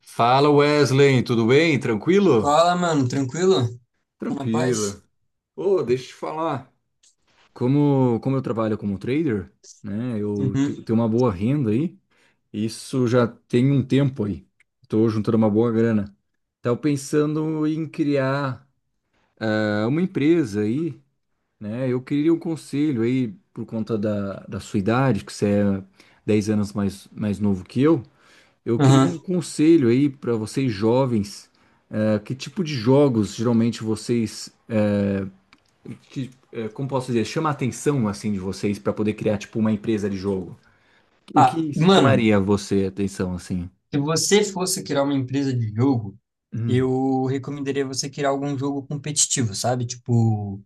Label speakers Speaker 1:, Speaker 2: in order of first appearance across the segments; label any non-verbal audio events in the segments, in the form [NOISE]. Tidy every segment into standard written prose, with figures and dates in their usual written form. Speaker 1: Fala, Wesley, tudo bem? Tranquilo?
Speaker 2: Fala, mano, tranquilo? Tá na paz?
Speaker 1: Tranquilo. Ô, deixa eu te falar. Como eu trabalho como trader, né?
Speaker 2: Uhum.
Speaker 1: Tenho uma boa renda aí. Isso já tem um tempo aí. Estou juntando uma boa grana. Estava pensando em criar uma empresa aí, né? Eu queria um conselho aí por conta da sua idade, que você é 10 anos mais novo que eu. Eu queria
Speaker 2: Aham.
Speaker 1: um conselho aí para vocês jovens. É, que tipo de jogos geralmente vocês, que, é, como posso dizer, chama a atenção assim de vocês para poder criar tipo uma empresa de jogo? O
Speaker 2: Ah,
Speaker 1: que
Speaker 2: mano,
Speaker 1: chamaria você a atenção assim?
Speaker 2: se você fosse criar uma empresa de jogo,
Speaker 1: Hum,
Speaker 2: eu recomendaria você criar algum jogo competitivo, sabe? Tipo,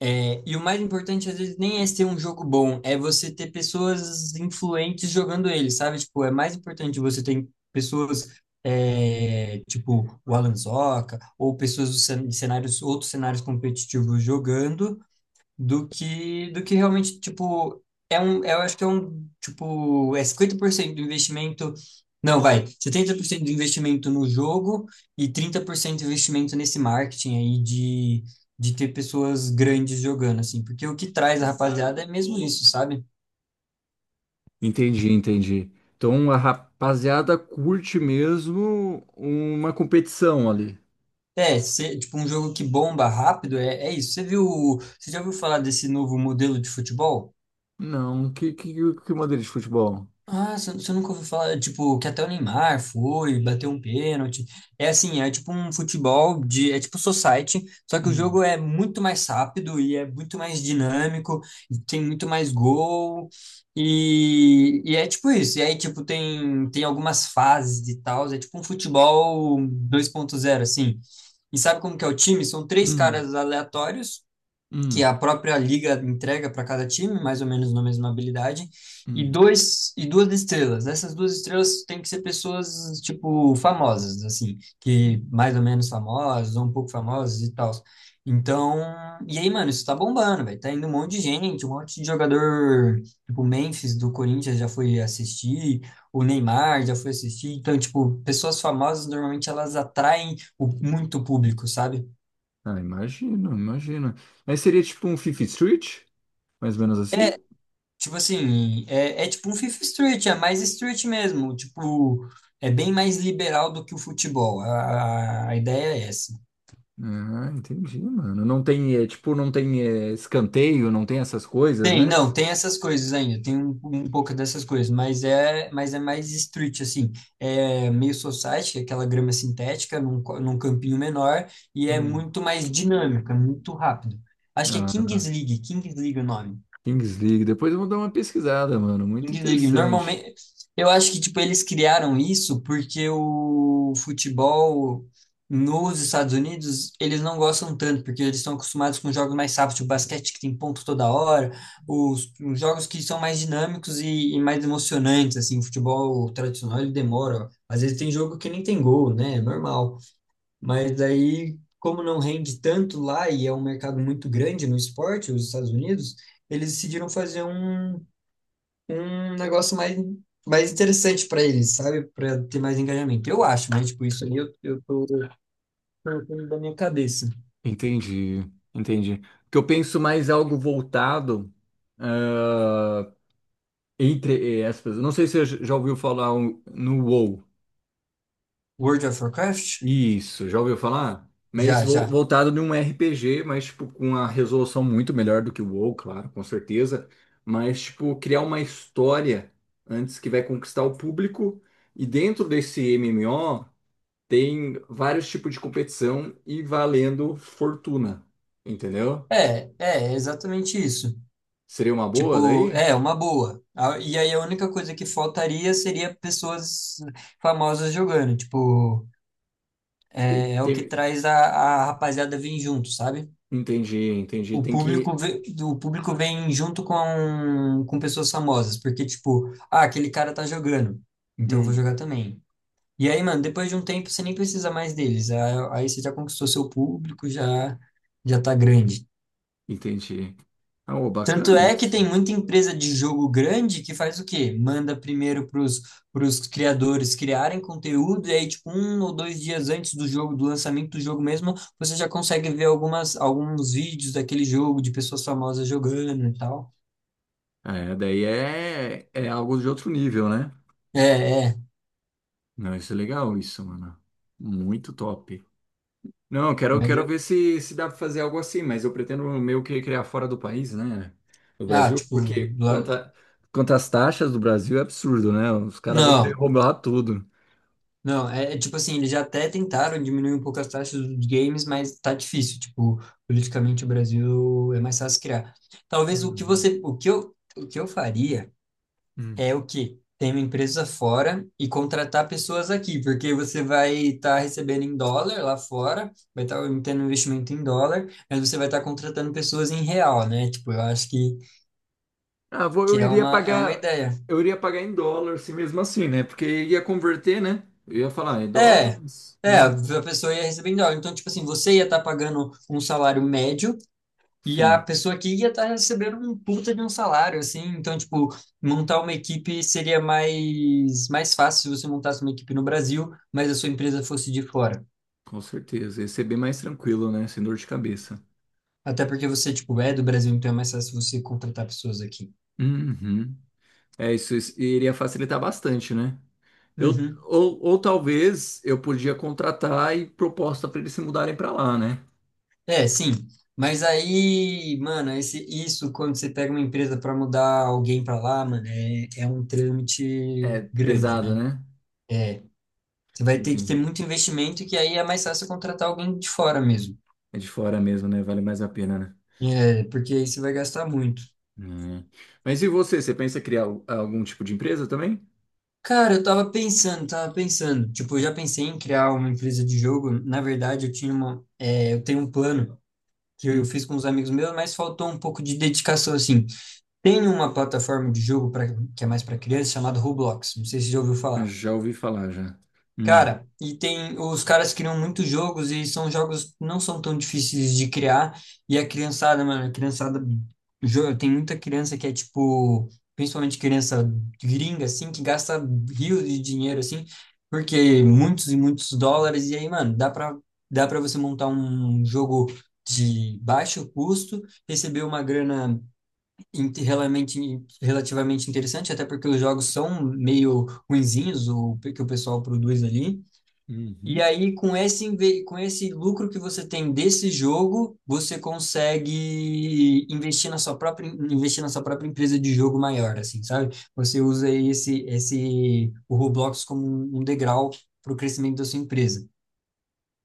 Speaker 2: e o mais importante às vezes nem é ser um jogo bom, é você ter pessoas influentes jogando ele, sabe? Tipo, é mais importante você ter pessoas tipo o Alan Zoca ou pessoas de cenários, outros cenários competitivos jogando do que realmente, tipo, eu acho que é um, tipo, é 50% do investimento, não, vai, 70% do investimento no jogo e 30% do investimento nesse marketing aí de ter pessoas grandes jogando, assim, porque o que traz a rapaziada é mesmo isso, sabe?
Speaker 1: entendi, entendi. Então a rapaziada curte mesmo uma competição ali.
Speaker 2: É, tipo, um jogo que bomba rápido, é, é isso. Você viu, você já ouviu falar desse novo modelo de futebol?
Speaker 1: Não, que maneira de futebol?
Speaker 2: Ah, você nunca ouviu falar, tipo, que até o Neymar foi, bateu um pênalti. É assim, é tipo society, só que o
Speaker 1: Hum,
Speaker 2: jogo é muito mais rápido e é muito mais dinâmico, e tem muito mais gol, e é tipo isso. E aí, tipo, tem algumas fases e tal, é tipo um futebol 2.0 assim. E sabe como que é o time? São três
Speaker 1: hum,
Speaker 2: caras aleatórios, que
Speaker 1: hum,
Speaker 2: a própria liga entrega para cada time, mais ou menos na mesma habilidade, e
Speaker 1: hum.
Speaker 2: dois e duas estrelas. Essas duas estrelas têm que ser pessoas tipo famosas, assim, que mais ou menos famosas, ou um pouco famosas e tal. Então, e aí, mano, isso tá bombando, velho. Tá indo um monte de gente, um monte de jogador, tipo, o Memphis do Corinthians já foi assistir, o Neymar já foi assistir. Então, tipo, pessoas famosas normalmente elas atraem muito público, sabe?
Speaker 1: Ah, imagino, imagino. Mas seria tipo um Fifa Street? Mais ou menos
Speaker 2: É,
Speaker 1: assim?
Speaker 2: tipo assim, é tipo um Fifth Street, é mais street mesmo. Tipo, é bem mais liberal do que o futebol. A ideia é essa.
Speaker 1: Ah, entendi, mano. Não tem escanteio, não tem essas coisas,
Speaker 2: Tem,
Speaker 1: né?
Speaker 2: não, tem essas coisas ainda, tem um pouco dessas coisas, mas é mais street, assim. É meio society, que é aquela grama sintética num campinho menor, e é
Speaker 1: Hum.
Speaker 2: muito mais dinâmica, muito rápido. Acho que é
Speaker 1: Ah,
Speaker 2: Kings League, Kings League é o nome.
Speaker 1: Kings League. Depois eu vou dar uma pesquisada, mano. Muito
Speaker 2: Indeed,
Speaker 1: interessante.
Speaker 2: normalmente, eu acho que tipo eles criaram isso porque o futebol nos Estados Unidos eles não gostam tanto porque eles estão acostumados com jogos mais rápidos, o basquete que tem ponto toda hora, os jogos que são mais dinâmicos e mais emocionantes assim. O futebol tradicional ele demora, às vezes tem jogo que nem tem gol, né? É normal. Mas aí como não rende tanto lá e é um mercado muito grande no esporte, os Estados Unidos eles decidiram fazer um negócio mais interessante para eles, sabe? Para ter mais engajamento. Eu acho, mas tipo, isso aí eu tô colocando da minha cabeça.
Speaker 1: Entendi, entendi. Porque eu penso mais algo voltado ah, entre aspas. Não sei se você já ouviu falar no WoW.
Speaker 2: World of Warcraft?
Speaker 1: Isso, já ouviu falar? Mas
Speaker 2: Já, já.
Speaker 1: voltado num RPG, mas tipo com uma resolução muito melhor do que o WoW, claro, com certeza. Mas tipo criar uma história antes que vai conquistar o público. E dentro desse MMO tem vários tipos de competição e valendo fortuna, entendeu?
Speaker 2: É exatamente isso.
Speaker 1: Seria uma boa
Speaker 2: Tipo,
Speaker 1: daí?
Speaker 2: é uma boa. E aí a única coisa que faltaria seria pessoas famosas jogando. Tipo,
Speaker 1: Tem-
Speaker 2: é o que
Speaker 1: tem-
Speaker 2: traz a rapaziada vir junto, sabe?
Speaker 1: Entendi, entendi.
Speaker 2: O
Speaker 1: Tem
Speaker 2: público,
Speaker 1: que
Speaker 2: o público vem junto com pessoas famosas, porque, tipo, ah, aquele cara tá jogando, então eu vou
Speaker 1: Hum,
Speaker 2: jogar também. E aí, mano, depois de um tempo você nem precisa mais deles. Aí você já conquistou seu público, já tá grande.
Speaker 1: entendi. Ah, ô,
Speaker 2: Tanto
Speaker 1: bacana
Speaker 2: é que
Speaker 1: isso.
Speaker 2: tem muita empresa de jogo grande que faz o quê? Manda primeiro pros criadores criarem conteúdo, e aí, tipo, 1 ou 2 dias antes do jogo, do lançamento do jogo mesmo, você já consegue ver algumas, alguns vídeos daquele jogo, de pessoas famosas jogando e tal.
Speaker 1: É, daí é, é algo de outro nível, né?
Speaker 2: É, é,
Speaker 1: Não, isso é legal, isso, mano. Muito top. Não, eu quero,
Speaker 2: mas
Speaker 1: quero
Speaker 2: eu,
Speaker 1: ver se, se dá pra fazer algo assim, mas eu pretendo meio que criar fora do país, né? Do
Speaker 2: ah,
Speaker 1: Brasil,
Speaker 2: tipo,
Speaker 1: porque
Speaker 2: lá-
Speaker 1: quanto às taxas do Brasil é absurdo, né? Os caras vão querer
Speaker 2: não,
Speaker 1: roubar tudo.
Speaker 2: não, é tipo assim, eles já até tentaram diminuir um pouco as taxas dos games, mas tá difícil, tipo, politicamente o Brasil é mais fácil criar. Talvez o que
Speaker 1: Uhum.
Speaker 2: você, o que eu faria
Speaker 1: Uhum.
Speaker 2: é o quê? Ter uma empresa fora e contratar pessoas aqui, porque você vai estar recebendo em dólar lá fora, vai estar tendo investimento em dólar, mas você vai estar contratando pessoas em real, né? Tipo, eu acho que,
Speaker 1: Ah, vou, eu iria
Speaker 2: é uma
Speaker 1: pagar,
Speaker 2: ideia.
Speaker 1: Eu iria pagar em dólar, se mesmo assim, né? Porque ia converter, né? Eu ia falar, em dólar?
Speaker 2: É,
Speaker 1: Mas,
Speaker 2: é, a pessoa ia receber em dólar. Então, tipo assim, você ia estar pagando um salário médio e a
Speaker 1: sim,
Speaker 2: pessoa aqui ia estar recebendo um puta de um salário, assim. Então, tipo, montar uma equipe seria mais fácil se você montasse uma equipe no Brasil, mas a sua empresa fosse de fora.
Speaker 1: com certeza. Ia ser bem mais tranquilo, né? Sem dor de cabeça.
Speaker 2: Até porque você, tipo, é do Brasil, então é mais fácil você contratar pessoas aqui.
Speaker 1: Uhum. É, isso iria facilitar bastante, né? Eu,
Speaker 2: Uhum.
Speaker 1: ou, ou talvez eu podia contratar e proposta para eles se mudarem para lá, né?
Speaker 2: É, sim. Mas aí, mano, isso quando você pega uma empresa para mudar alguém para lá, mano, é um trâmite
Speaker 1: É
Speaker 2: grande,
Speaker 1: pesado,
Speaker 2: né?
Speaker 1: né?
Speaker 2: É, você vai ter que ter
Speaker 1: Entendi.
Speaker 2: muito investimento, que aí é mais fácil contratar alguém de fora mesmo.
Speaker 1: É de fora mesmo, né? Vale mais a pena, né?
Speaker 2: É, porque aí você vai gastar muito.
Speaker 1: Hum. Mas e você? Você pensa em criar algum tipo de empresa também?
Speaker 2: Cara, eu tava pensando, tava pensando. Tipo, eu já pensei em criar uma empresa de jogo. Na verdade, eu tinha uma, eu tenho um plano que eu fiz com uns amigos meus, mas faltou um pouco de dedicação, assim. Tem uma plataforma de jogo que é mais para criança chamada Roblox. Não sei se você já ouviu falar.
Speaker 1: Já ouvi falar, já. Hum,
Speaker 2: Cara, e tem, os caras criam muitos jogos e são jogos que não são tão difíceis de criar. E a criançada, mano, a criançada, tem muita criança que é tipo, principalmente criança gringa, assim, que gasta rios de dinheiro, assim, porque muitos e muitos dólares. E aí, mano, dá pra você montar um jogo de baixo custo, receber uma grana relativamente, interessante, até porque os jogos são meio ruinzinhos, o que o pessoal produz ali. E
Speaker 1: uhum.
Speaker 2: aí, com esse lucro que você tem desse jogo, você consegue investir investir na sua própria empresa de jogo maior, assim, sabe? Você usa o Roblox como um degrau para o crescimento da sua empresa.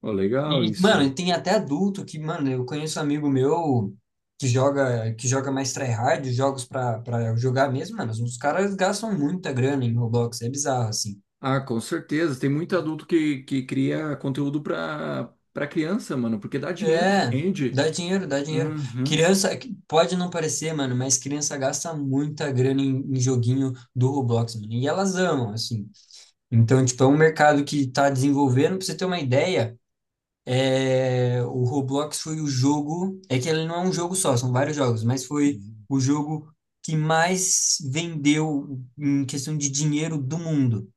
Speaker 1: Ó, legal
Speaker 2: E,
Speaker 1: isso.
Speaker 2: mano, tem até adulto que, mano, eu conheço um amigo meu que joga mais tryhard, jogos para jogar mesmo, mano, os caras gastam muita grana em Roblox, é bizarro, assim.
Speaker 1: Ah, com certeza. Tem muito adulto que cria conteúdo para para criança, mano, porque dá dinheiro,
Speaker 2: É,
Speaker 1: rende.
Speaker 2: dá dinheiro, dá dinheiro.
Speaker 1: Uhum.
Speaker 2: Criança, pode não parecer, mano, mas criança gasta muita grana em joguinho do Roblox, mano. E elas amam, assim. Então, tipo, é um mercado que tá desenvolvendo. Pra você ter uma ideia, o Roblox foi o jogo. É que ele não é um jogo só, são vários jogos, mas foi o jogo que mais vendeu em questão de dinheiro do mundo.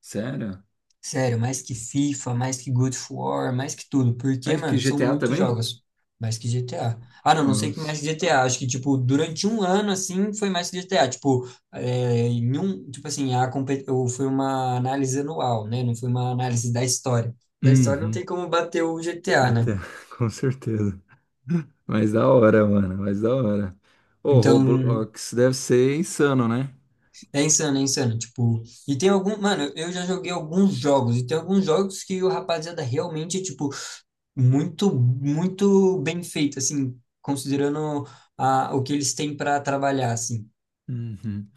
Speaker 1: Sério?
Speaker 2: Sério, mais que FIFA, mais que God of War, mais que tudo. Porque,
Speaker 1: Mas que
Speaker 2: mano, são
Speaker 1: GTA
Speaker 2: muitos
Speaker 1: também?
Speaker 2: jogos. Mais que GTA. Ah, não, não sei que
Speaker 1: Nossa.
Speaker 2: mais que GTA. Acho que, tipo, durante um ano, assim, foi mais que GTA. Tipo, em um, tipo assim, ou foi uma análise anual, né? Não foi uma análise da história. Da história não
Speaker 1: Uhum.
Speaker 2: tem como bater o GTA, né?
Speaker 1: Até, [LAUGHS] com certeza. Mas da hora, mano. Mas da hora. O
Speaker 2: Então,
Speaker 1: Roblox deve ser insano, né?
Speaker 2: é insano, é insano. Tipo, e tem algum. Mano, eu já joguei alguns jogos. E tem alguns jogos que o rapaziada realmente, tipo, muito, muito bem feito, assim, considerando o que eles têm para trabalhar, assim.
Speaker 1: Uhum.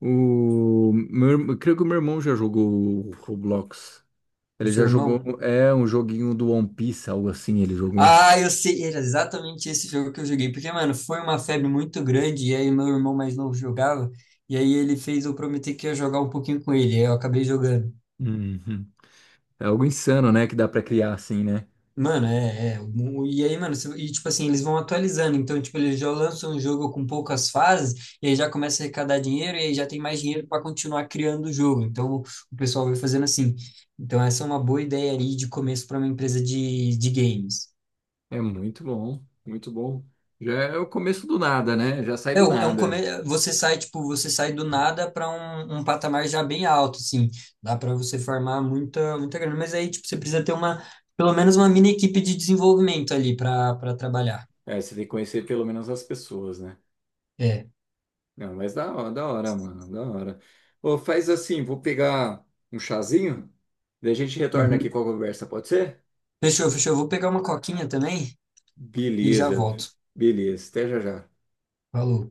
Speaker 1: Eu creio que o meu irmão já jogou o Roblox.
Speaker 2: O
Speaker 1: Ele
Speaker 2: seu
Speaker 1: já jogou,
Speaker 2: irmão.
Speaker 1: é um joguinho do One Piece, algo assim, ele jogou.
Speaker 2: Ah, eu sei, era exatamente esse jogo que eu joguei, porque, mano, foi uma febre muito grande, e aí meu irmão mais novo jogava, e aí ele fez eu prometer que ia jogar um pouquinho com ele, e aí eu acabei jogando.
Speaker 1: Uhum. É algo insano, né, que dá pra criar assim, né?
Speaker 2: Mano, é, é. E aí, mano, e tipo assim, eles vão atualizando. Então, tipo, eles já lançam um jogo com poucas fases, e aí já começa a arrecadar dinheiro, e aí já tem mais dinheiro para continuar criando o jogo. Então, o pessoal vai fazendo assim. Então, essa é uma boa ideia aí de começo para uma empresa de games.
Speaker 1: É muito bom, muito bom. Já é o começo do nada, né? Já sai
Speaker 2: É
Speaker 1: do
Speaker 2: um, é um
Speaker 1: nada.
Speaker 2: come... Você sai, tipo, você sai do nada para um patamar já bem alto, assim. Dá para você formar muita, muita grana. Mas aí, tipo, você precisa ter uma, pelo menos uma mini equipe de desenvolvimento ali para trabalhar.
Speaker 1: É, você tem que conhecer pelo menos as pessoas, né?
Speaker 2: É.
Speaker 1: Não, mas da hora, mano, da hora. Ô, faz assim, vou pegar um chazinho, daí a gente retorna aqui
Speaker 2: Uhum.
Speaker 1: com a conversa, pode ser?
Speaker 2: Fechou, fechou. Eu vou pegar uma coquinha também e já
Speaker 1: Beleza,
Speaker 2: volto.
Speaker 1: beleza, até já já.
Speaker 2: Falou.